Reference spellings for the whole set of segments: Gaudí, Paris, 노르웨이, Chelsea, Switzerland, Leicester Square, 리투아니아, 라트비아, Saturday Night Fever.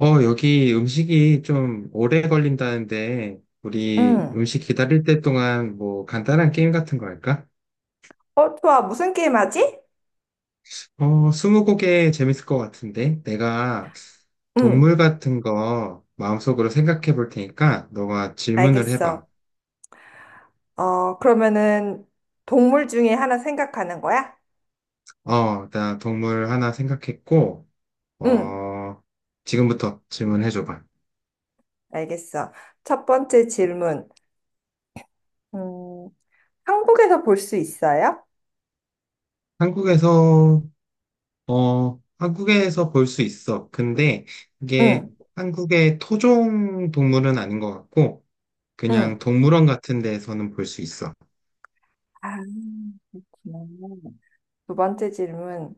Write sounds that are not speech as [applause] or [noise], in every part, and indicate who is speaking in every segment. Speaker 1: 여기 음식이 좀 오래 걸린다는데, 우리
Speaker 2: 응.
Speaker 1: 음식 기다릴 때 동안 뭐 간단한 게임 같은 거 할까?
Speaker 2: 좋아. 무슨 게임 하지?
Speaker 1: 스무고개 재밌을 것 같은데, 내가
Speaker 2: 응,
Speaker 1: 동물 같은 거 마음속으로 생각해 볼 테니까, 너가 질문을 해봐.
Speaker 2: 알겠어. 그러면은 동물 중에 하나 생각하는 거야?
Speaker 1: 나 동물 하나 생각했고,
Speaker 2: 응,
Speaker 1: 어, 지금부터 질문해 줘봐.
Speaker 2: 알겠어. 첫 번째 질문. 음, 한국에서 볼 수 있어요?
Speaker 1: 한국에서 한국에서 볼 수 있어. 근데 이게
Speaker 2: 응,
Speaker 1: 한국의 토종 동물은 아닌 것 같고, 그냥
Speaker 2: 응.
Speaker 1: 동물원 같은 데에서는 볼 수 있어.
Speaker 2: 아, 그렇구나. 두 번째 질문.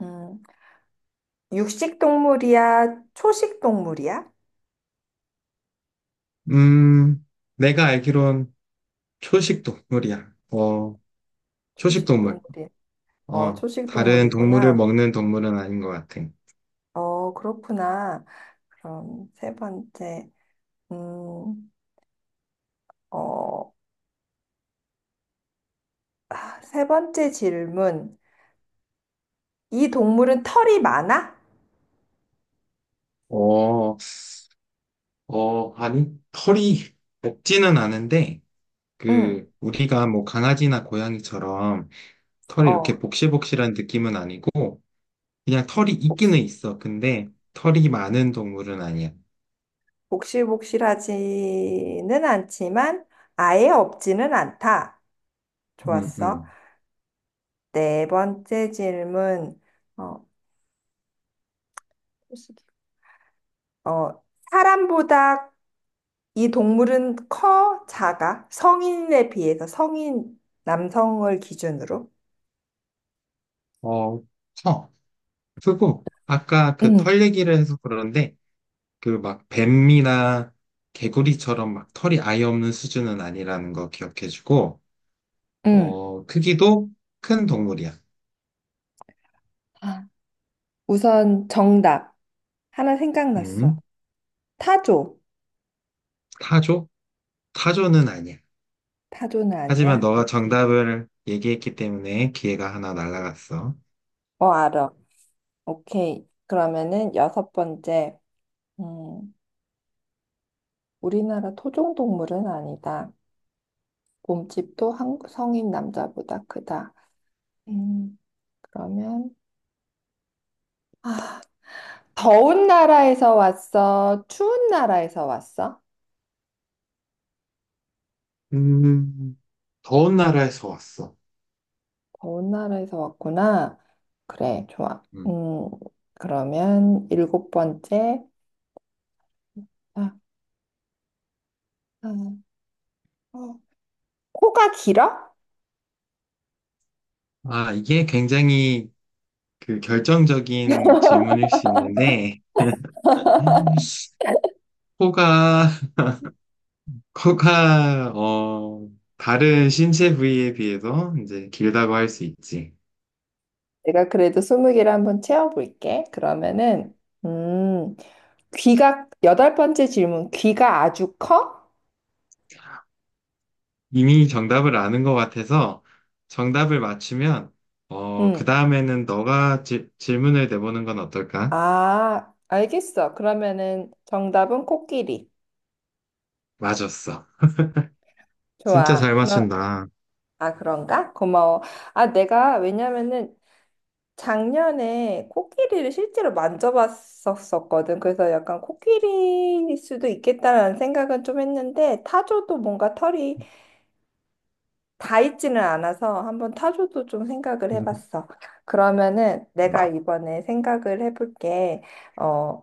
Speaker 2: 음, 육식 동물이야? 초식 동물이야?
Speaker 1: 음, 내가 알기론 초식 동물이야. 초식
Speaker 2: 초식
Speaker 1: 동물.
Speaker 2: 동물이야. 초식
Speaker 1: 다른 동물을
Speaker 2: 동물이구나.
Speaker 1: 먹는 동물은 아닌 것 같아.
Speaker 2: 그렇구나. 그럼 세 번째. 음, 어, 세 번째 질문. 이 동물은 털이 많아?
Speaker 1: 어, 아니, 털이 없지는 않은데,
Speaker 2: 응.
Speaker 1: 그, 우리가 뭐 강아지나 고양이처럼 털이 이렇게
Speaker 2: 어,
Speaker 1: 복실복실한 느낌은 아니고, 그냥 털이
Speaker 2: 복시-
Speaker 1: 있기는 있어. 근데 털이 많은 동물은 아니야.
Speaker 2: 복실복실하지는 않지만 아예 없지는 않다.
Speaker 1: 음,
Speaker 2: 좋았어.
Speaker 1: 음.
Speaker 2: 네 번째 질문. 어, 어, 사람보다 이 동물은 커? 작아? 성인에 비해서 성인 남성을 기준으로?
Speaker 1: 어, 커. 크고, 아까 그
Speaker 2: 응,
Speaker 1: 털 얘기를 해서 그러는데, 그 막 뱀이나 개구리처럼 막 털이 아예 없는 수준은 아니라는 거 기억해주고,
Speaker 2: 응.
Speaker 1: 크기도 큰 동물이야.
Speaker 2: 아, 우선 정답. 하나 생각났어.
Speaker 1: 음,
Speaker 2: 타조.
Speaker 1: 타조? 타조는 아니야.
Speaker 2: 타조는
Speaker 1: 하지만
Speaker 2: 아니야?
Speaker 1: 너가
Speaker 2: 오케이.
Speaker 1: 정답을 얘기했기 때문에 기회가 하나 날아갔어.
Speaker 2: 어, 알아. 오케이. 그러면은 여섯 번째. 음, 우리나라 토종 동물은 아니다. 몸집도 한, 성인 남자보다 크다. 음, 그러면 더운 나라에서 왔어? 추운 나라에서 왔어?
Speaker 1: 음, 더운 나라에서 왔어.
Speaker 2: 더운 나라에서 왔구나. 그래, 좋아.
Speaker 1: 음.
Speaker 2: 그러면 일곱 번째. 아, 아, 어. 코가 길어?
Speaker 1: 아, 이게 굉장히 그 결정적인 질문일 수 있는데, 코가, [laughs] 코가, 다른 신체 부위에 비해서 이제 길다고 할 수 있지.
Speaker 2: 내가 그래도 20개를 한번 채워볼게. 그러면은, 음, 귀가, 여덟 번째 질문, 귀가 아주 커?
Speaker 1: 이미 정답을 아는 것 같아서 정답을 맞추면, 그
Speaker 2: 응.
Speaker 1: 다음에는 너가 질문을 내보는 건 어떨까?
Speaker 2: 아, 알겠어. 그러면은 정답은 코끼리.
Speaker 1: 맞았어. 진짜
Speaker 2: 좋아.
Speaker 1: 잘
Speaker 2: 그럼,
Speaker 1: 맞춘다.
Speaker 2: 아, 그런가? 고마워. 왜냐면은 작년에 코끼리를 실제로 만져봤었거든. 그래서 약간 코끼리일 수도 있겠다라는 생각은 좀 했는데, 타조도 뭔가 털이 다 있지는 않아서 한번 타조도 좀 생각을
Speaker 1: [laughs] 음,
Speaker 2: 해봤어. 그러면은 내가
Speaker 1: 맞아.
Speaker 2: 이번에 생각을 해볼게. 어,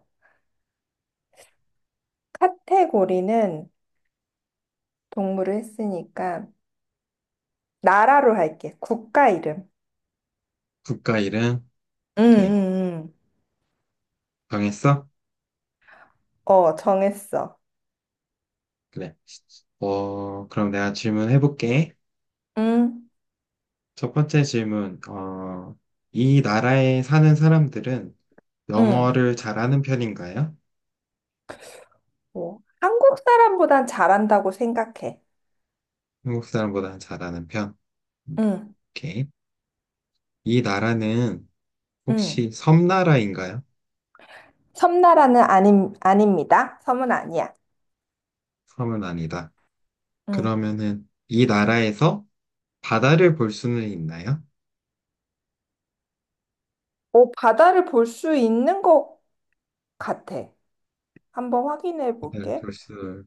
Speaker 2: 카테고리는 동물을 했으니까 나라로 할게. 국가 이름.
Speaker 1: 국가 이름?
Speaker 2: 응,
Speaker 1: 오케이.
Speaker 2: 응, 응.
Speaker 1: 정했어?
Speaker 2: 정했어.
Speaker 1: 그래. 그럼 내가 질문해볼게.
Speaker 2: 응,
Speaker 1: 첫 번째 질문. 이 나라에 사는 사람들은
Speaker 2: 응.
Speaker 1: 영어를 잘하는 편인가요?
Speaker 2: 뭐, 한국 사람보단 잘한다고 생각해.
Speaker 1: 한국 사람보다는 잘하는 편. 음,
Speaker 2: 응,
Speaker 1: 오케이. 이 나라는
Speaker 2: 응.
Speaker 1: 혹시 섬나라인가요?
Speaker 2: 아닙니다. 섬은 아니야.
Speaker 1: 섬은 아니다.
Speaker 2: 응.
Speaker 1: 그러면은 이 나라에서 바다를 볼 수는 있나요?
Speaker 2: 바다를 볼 수 있는 것 같아. 한번 확인해
Speaker 1: 바다를
Speaker 2: 볼게.
Speaker 1: 볼 수,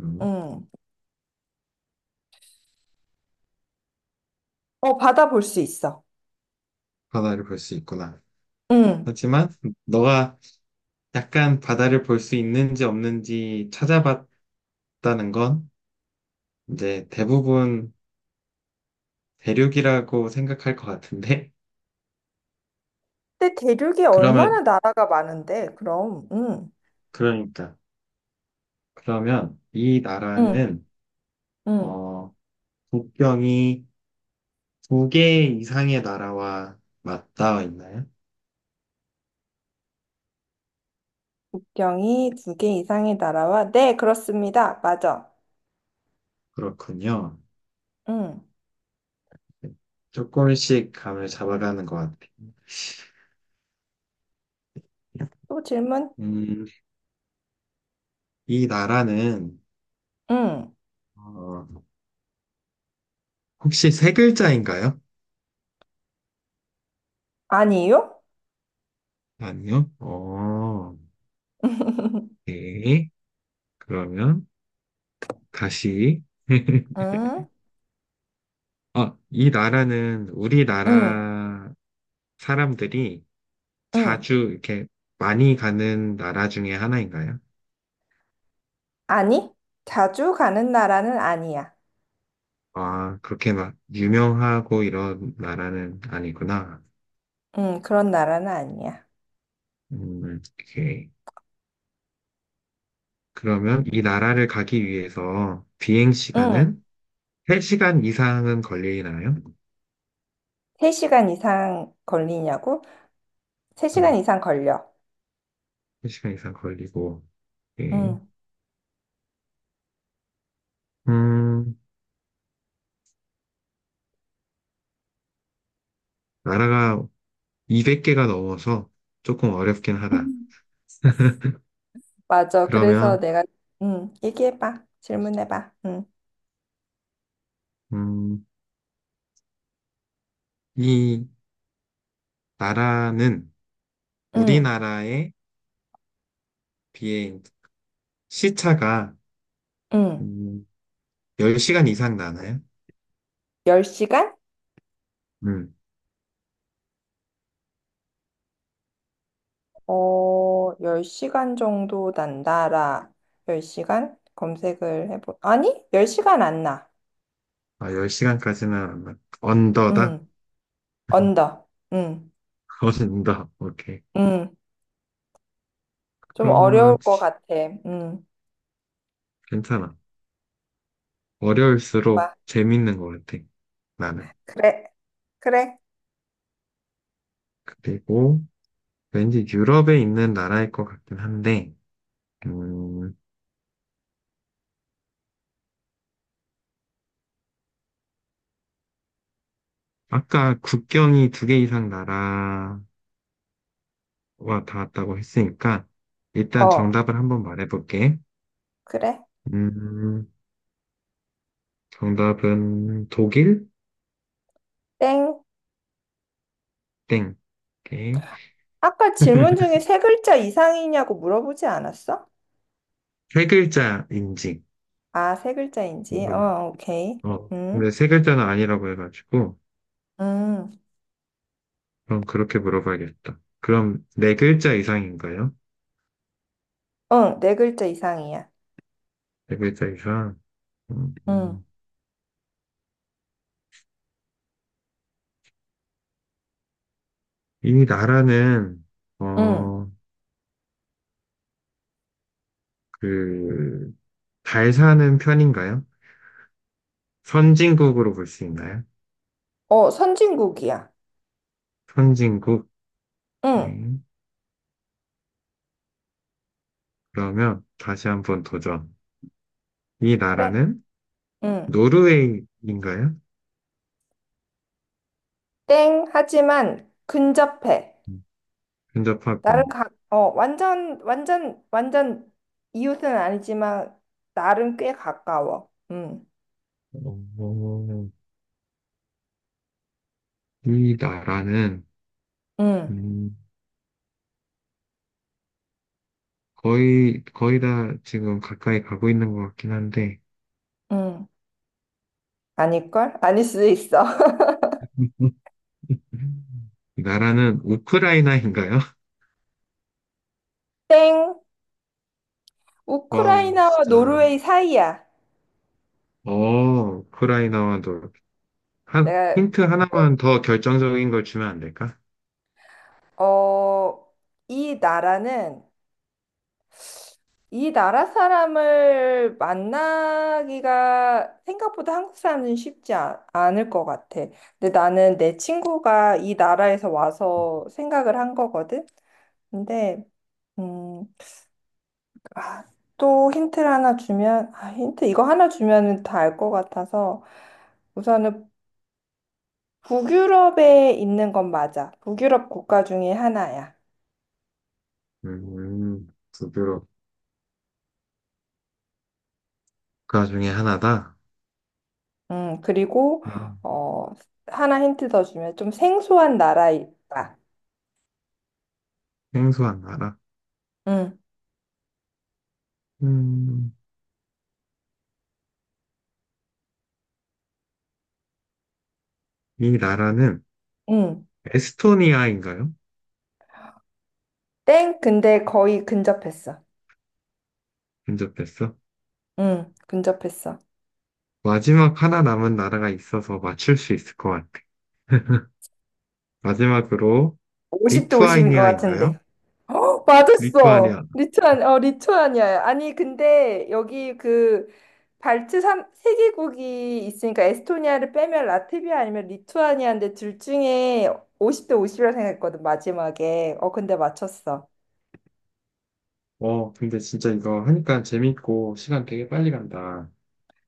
Speaker 1: 음,
Speaker 2: 응. 바다 볼 수 있어.
Speaker 1: 바다를 볼 수 있구나.
Speaker 2: 응.
Speaker 1: 하지만 너가 약간 바다를 볼 수 있는지 없는지 찾아봤다는 건 이제 대부분 대륙이라고 생각할 것 같은데
Speaker 2: 근데 대륙이
Speaker 1: 그러면
Speaker 2: 얼마나 나라가 많은데, 그럼. 응.
Speaker 1: 그러니까 그러면 이
Speaker 2: 응.
Speaker 1: 나라는
Speaker 2: 응.
Speaker 1: 어 국경이 두 개 이상의 나라와 맞닿아 있나요?
Speaker 2: 국경이 두 개 이상의 나라와, 네, 그렇습니다. 맞아.
Speaker 1: 그렇군요.
Speaker 2: 응.
Speaker 1: 네. 조금씩 감을 잡아가는 것 같아요.
Speaker 2: 또 질문?
Speaker 1: 음, 이 나라는
Speaker 2: 응.
Speaker 1: 어, 혹시 세 글자인가요?
Speaker 2: 아니요?
Speaker 1: 아니요. 어, 네. 그러면 다시 [laughs]
Speaker 2: 응.
Speaker 1: 아, 이 나라는
Speaker 2: 응.
Speaker 1: 우리나라 사람들이
Speaker 2: 응.
Speaker 1: 자주 이렇게 많이 가는 나라 중에 하나인가요?
Speaker 2: 아니? 자주 가는 나라는 아니야.
Speaker 1: 아, 그렇게 막 유명하고 이런 나라는 아니구나.
Speaker 2: 응, 그런 나라는 아니야.
Speaker 1: 오케이. 그러면 이 나라를 가기 위해서 비행
Speaker 2: 응.
Speaker 1: 시간은 3시간 이상은 걸리나요?
Speaker 2: 세시간 이상 걸리냐고? 세시간
Speaker 1: 음,
Speaker 2: 이상 걸려.
Speaker 1: 3시간 이상 걸리고. 오케이.
Speaker 2: 응.
Speaker 1: 음, 나라가 200개가 넘어서 조금 어렵긴 하다.
Speaker 2: [laughs]
Speaker 1: [laughs]
Speaker 2: 맞아.
Speaker 1: 그러면,
Speaker 2: 얘기해봐. 질문해봐.
Speaker 1: 음, 이 나라는
Speaker 2: 음,
Speaker 1: 우리나라에 비해 시차가
Speaker 2: 음.
Speaker 1: 음, 10시간 이상 나나요?
Speaker 2: 10시간?
Speaker 1: 음.
Speaker 2: 10시간 정도 난다라. 10시간? 아니, 10시간 안 나.
Speaker 1: 아, 10시간까지는 안 나. 언더다?
Speaker 2: 음,
Speaker 1: [laughs]
Speaker 2: 언더. 음,
Speaker 1: 언더. 오케이.
Speaker 2: 음. 좀
Speaker 1: 그러면
Speaker 2: 어려울 것 같아. 음,
Speaker 1: 괜찮아. 어려울수록
Speaker 2: 봐.
Speaker 1: 재밌는 것 같아. 나는.
Speaker 2: 그래, 그래.
Speaker 1: 그리고 왠지 유럽에 있는 나라일 것 같긴 한데, 음, 아까 국경이 두 개 이상 나라와 닿았다고 했으니까, 일단
Speaker 2: 어,
Speaker 1: 정답을 한번 말해볼게.
Speaker 2: 그래.
Speaker 1: 음, 정답은 독일?
Speaker 2: 땡.
Speaker 1: 땡. 오케이.
Speaker 2: 아까 질문 중에 세 글자 이상이냐고 물어보지 않았어?
Speaker 1: 세 글자 인증.
Speaker 2: 아, 세 글자인지.
Speaker 1: 물어봐.
Speaker 2: 오케이. 음.
Speaker 1: 근데 세 글자는 아니라고 해가지고,
Speaker 2: 음.
Speaker 1: 그럼 그렇게 물어봐야겠다. 그럼 네 글자 이상인가요?
Speaker 2: 응, 네 글자 이상이야.
Speaker 1: 네 글자 이상. 음,
Speaker 2: 응,
Speaker 1: 음. 이 나라는,
Speaker 2: 응.
Speaker 1: 어, 그, 잘 사는 편인가요? 선진국으로 볼 수 있나요?
Speaker 2: 선진국이야.
Speaker 1: 선진국.
Speaker 2: 응,
Speaker 1: 네. 그러면 다시 한번 도전. 이
Speaker 2: 그래.
Speaker 1: 나라는
Speaker 2: 응.
Speaker 1: 노르웨이인가요?
Speaker 2: 땡, 하지만 근접해.
Speaker 1: 음,
Speaker 2: 나름
Speaker 1: 근접하군.
Speaker 2: 가, 완전, 완전, 완전 이웃은 아니지만 나름 꽤 가까워. 응,
Speaker 1: 어, 이 나라는,
Speaker 2: 응,
Speaker 1: 음, 거의 다 지금 가까이 가고 있는 것 같긴 한데,
Speaker 2: 응. 아닐걸? 아닐 수도 있어. [laughs]
Speaker 1: 음. 음. 나라는 우크라이나인가요? [laughs]
Speaker 2: 땡,
Speaker 1: 와,
Speaker 2: 우크라이나와
Speaker 1: 진짜.
Speaker 2: 노르웨이 사이야.
Speaker 1: 우크라이나와도, 한,
Speaker 2: 내가,
Speaker 1: 힌트 하나만 더 결정적인 걸 주면 안 될까?
Speaker 2: 어, 어, 이 나라는 이 나라 사람을 만나기가 생각보다 한국 사람은 쉽지 않을 것 같아. 근데 나는 내 친구가 이 나라에서 와서 생각을 한 거거든. 근데 음, 아, 또 힌트를 하나 주면, 힌트 이거 하나 주면은 다 알 것 같아서 우선은 북유럽에 있는 건 맞아. 북유럽 국가 중에 하나야.
Speaker 1: 두 유럽 국가 중에 하나다.
Speaker 2: 그리고
Speaker 1: 아,
Speaker 2: 어, 하나 힌트 더 주면 좀 생소한 나라에 있다.
Speaker 1: 생소한 나라.
Speaker 2: 음.
Speaker 1: 음, 이 나라는
Speaker 2: 음.
Speaker 1: 에스토니아인가요?
Speaker 2: 땡? 근데 거의 근접했어.
Speaker 1: 근접했어.
Speaker 2: 응, 근접했어.
Speaker 1: 마지막 하나 남은 나라가 있어서 맞출 수 있을 것 같아. 마지막으로,
Speaker 2: 50대 50인 것
Speaker 1: 리투아니아인가요?
Speaker 2: 같은데. 맞았어.
Speaker 1: 리투아니아.
Speaker 2: 리투아니아야. 아니, 근데 여기 그 발트 삼세개국이 있으니까 에스토니아를 빼면 라트비아 아니면 리투아니아인데 둘 중에 50대 50이라 생각했거든, 마지막에. 근데 맞췄어.
Speaker 1: 근데 진짜 이거 하니까 재밌고 시간 되게 빨리 간다.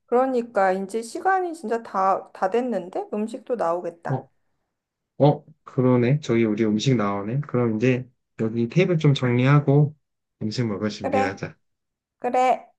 Speaker 2: 그러니까 이제 시간이 진짜 다 됐는데? 음식도 나오겠다.
Speaker 1: 어, 그러네. 저기 우리 음식 나오네. 그럼 이제 여기 테이블 좀 정리하고 음식 먹을
Speaker 2: 그래,
Speaker 1: 준비하자.
Speaker 2: 그래.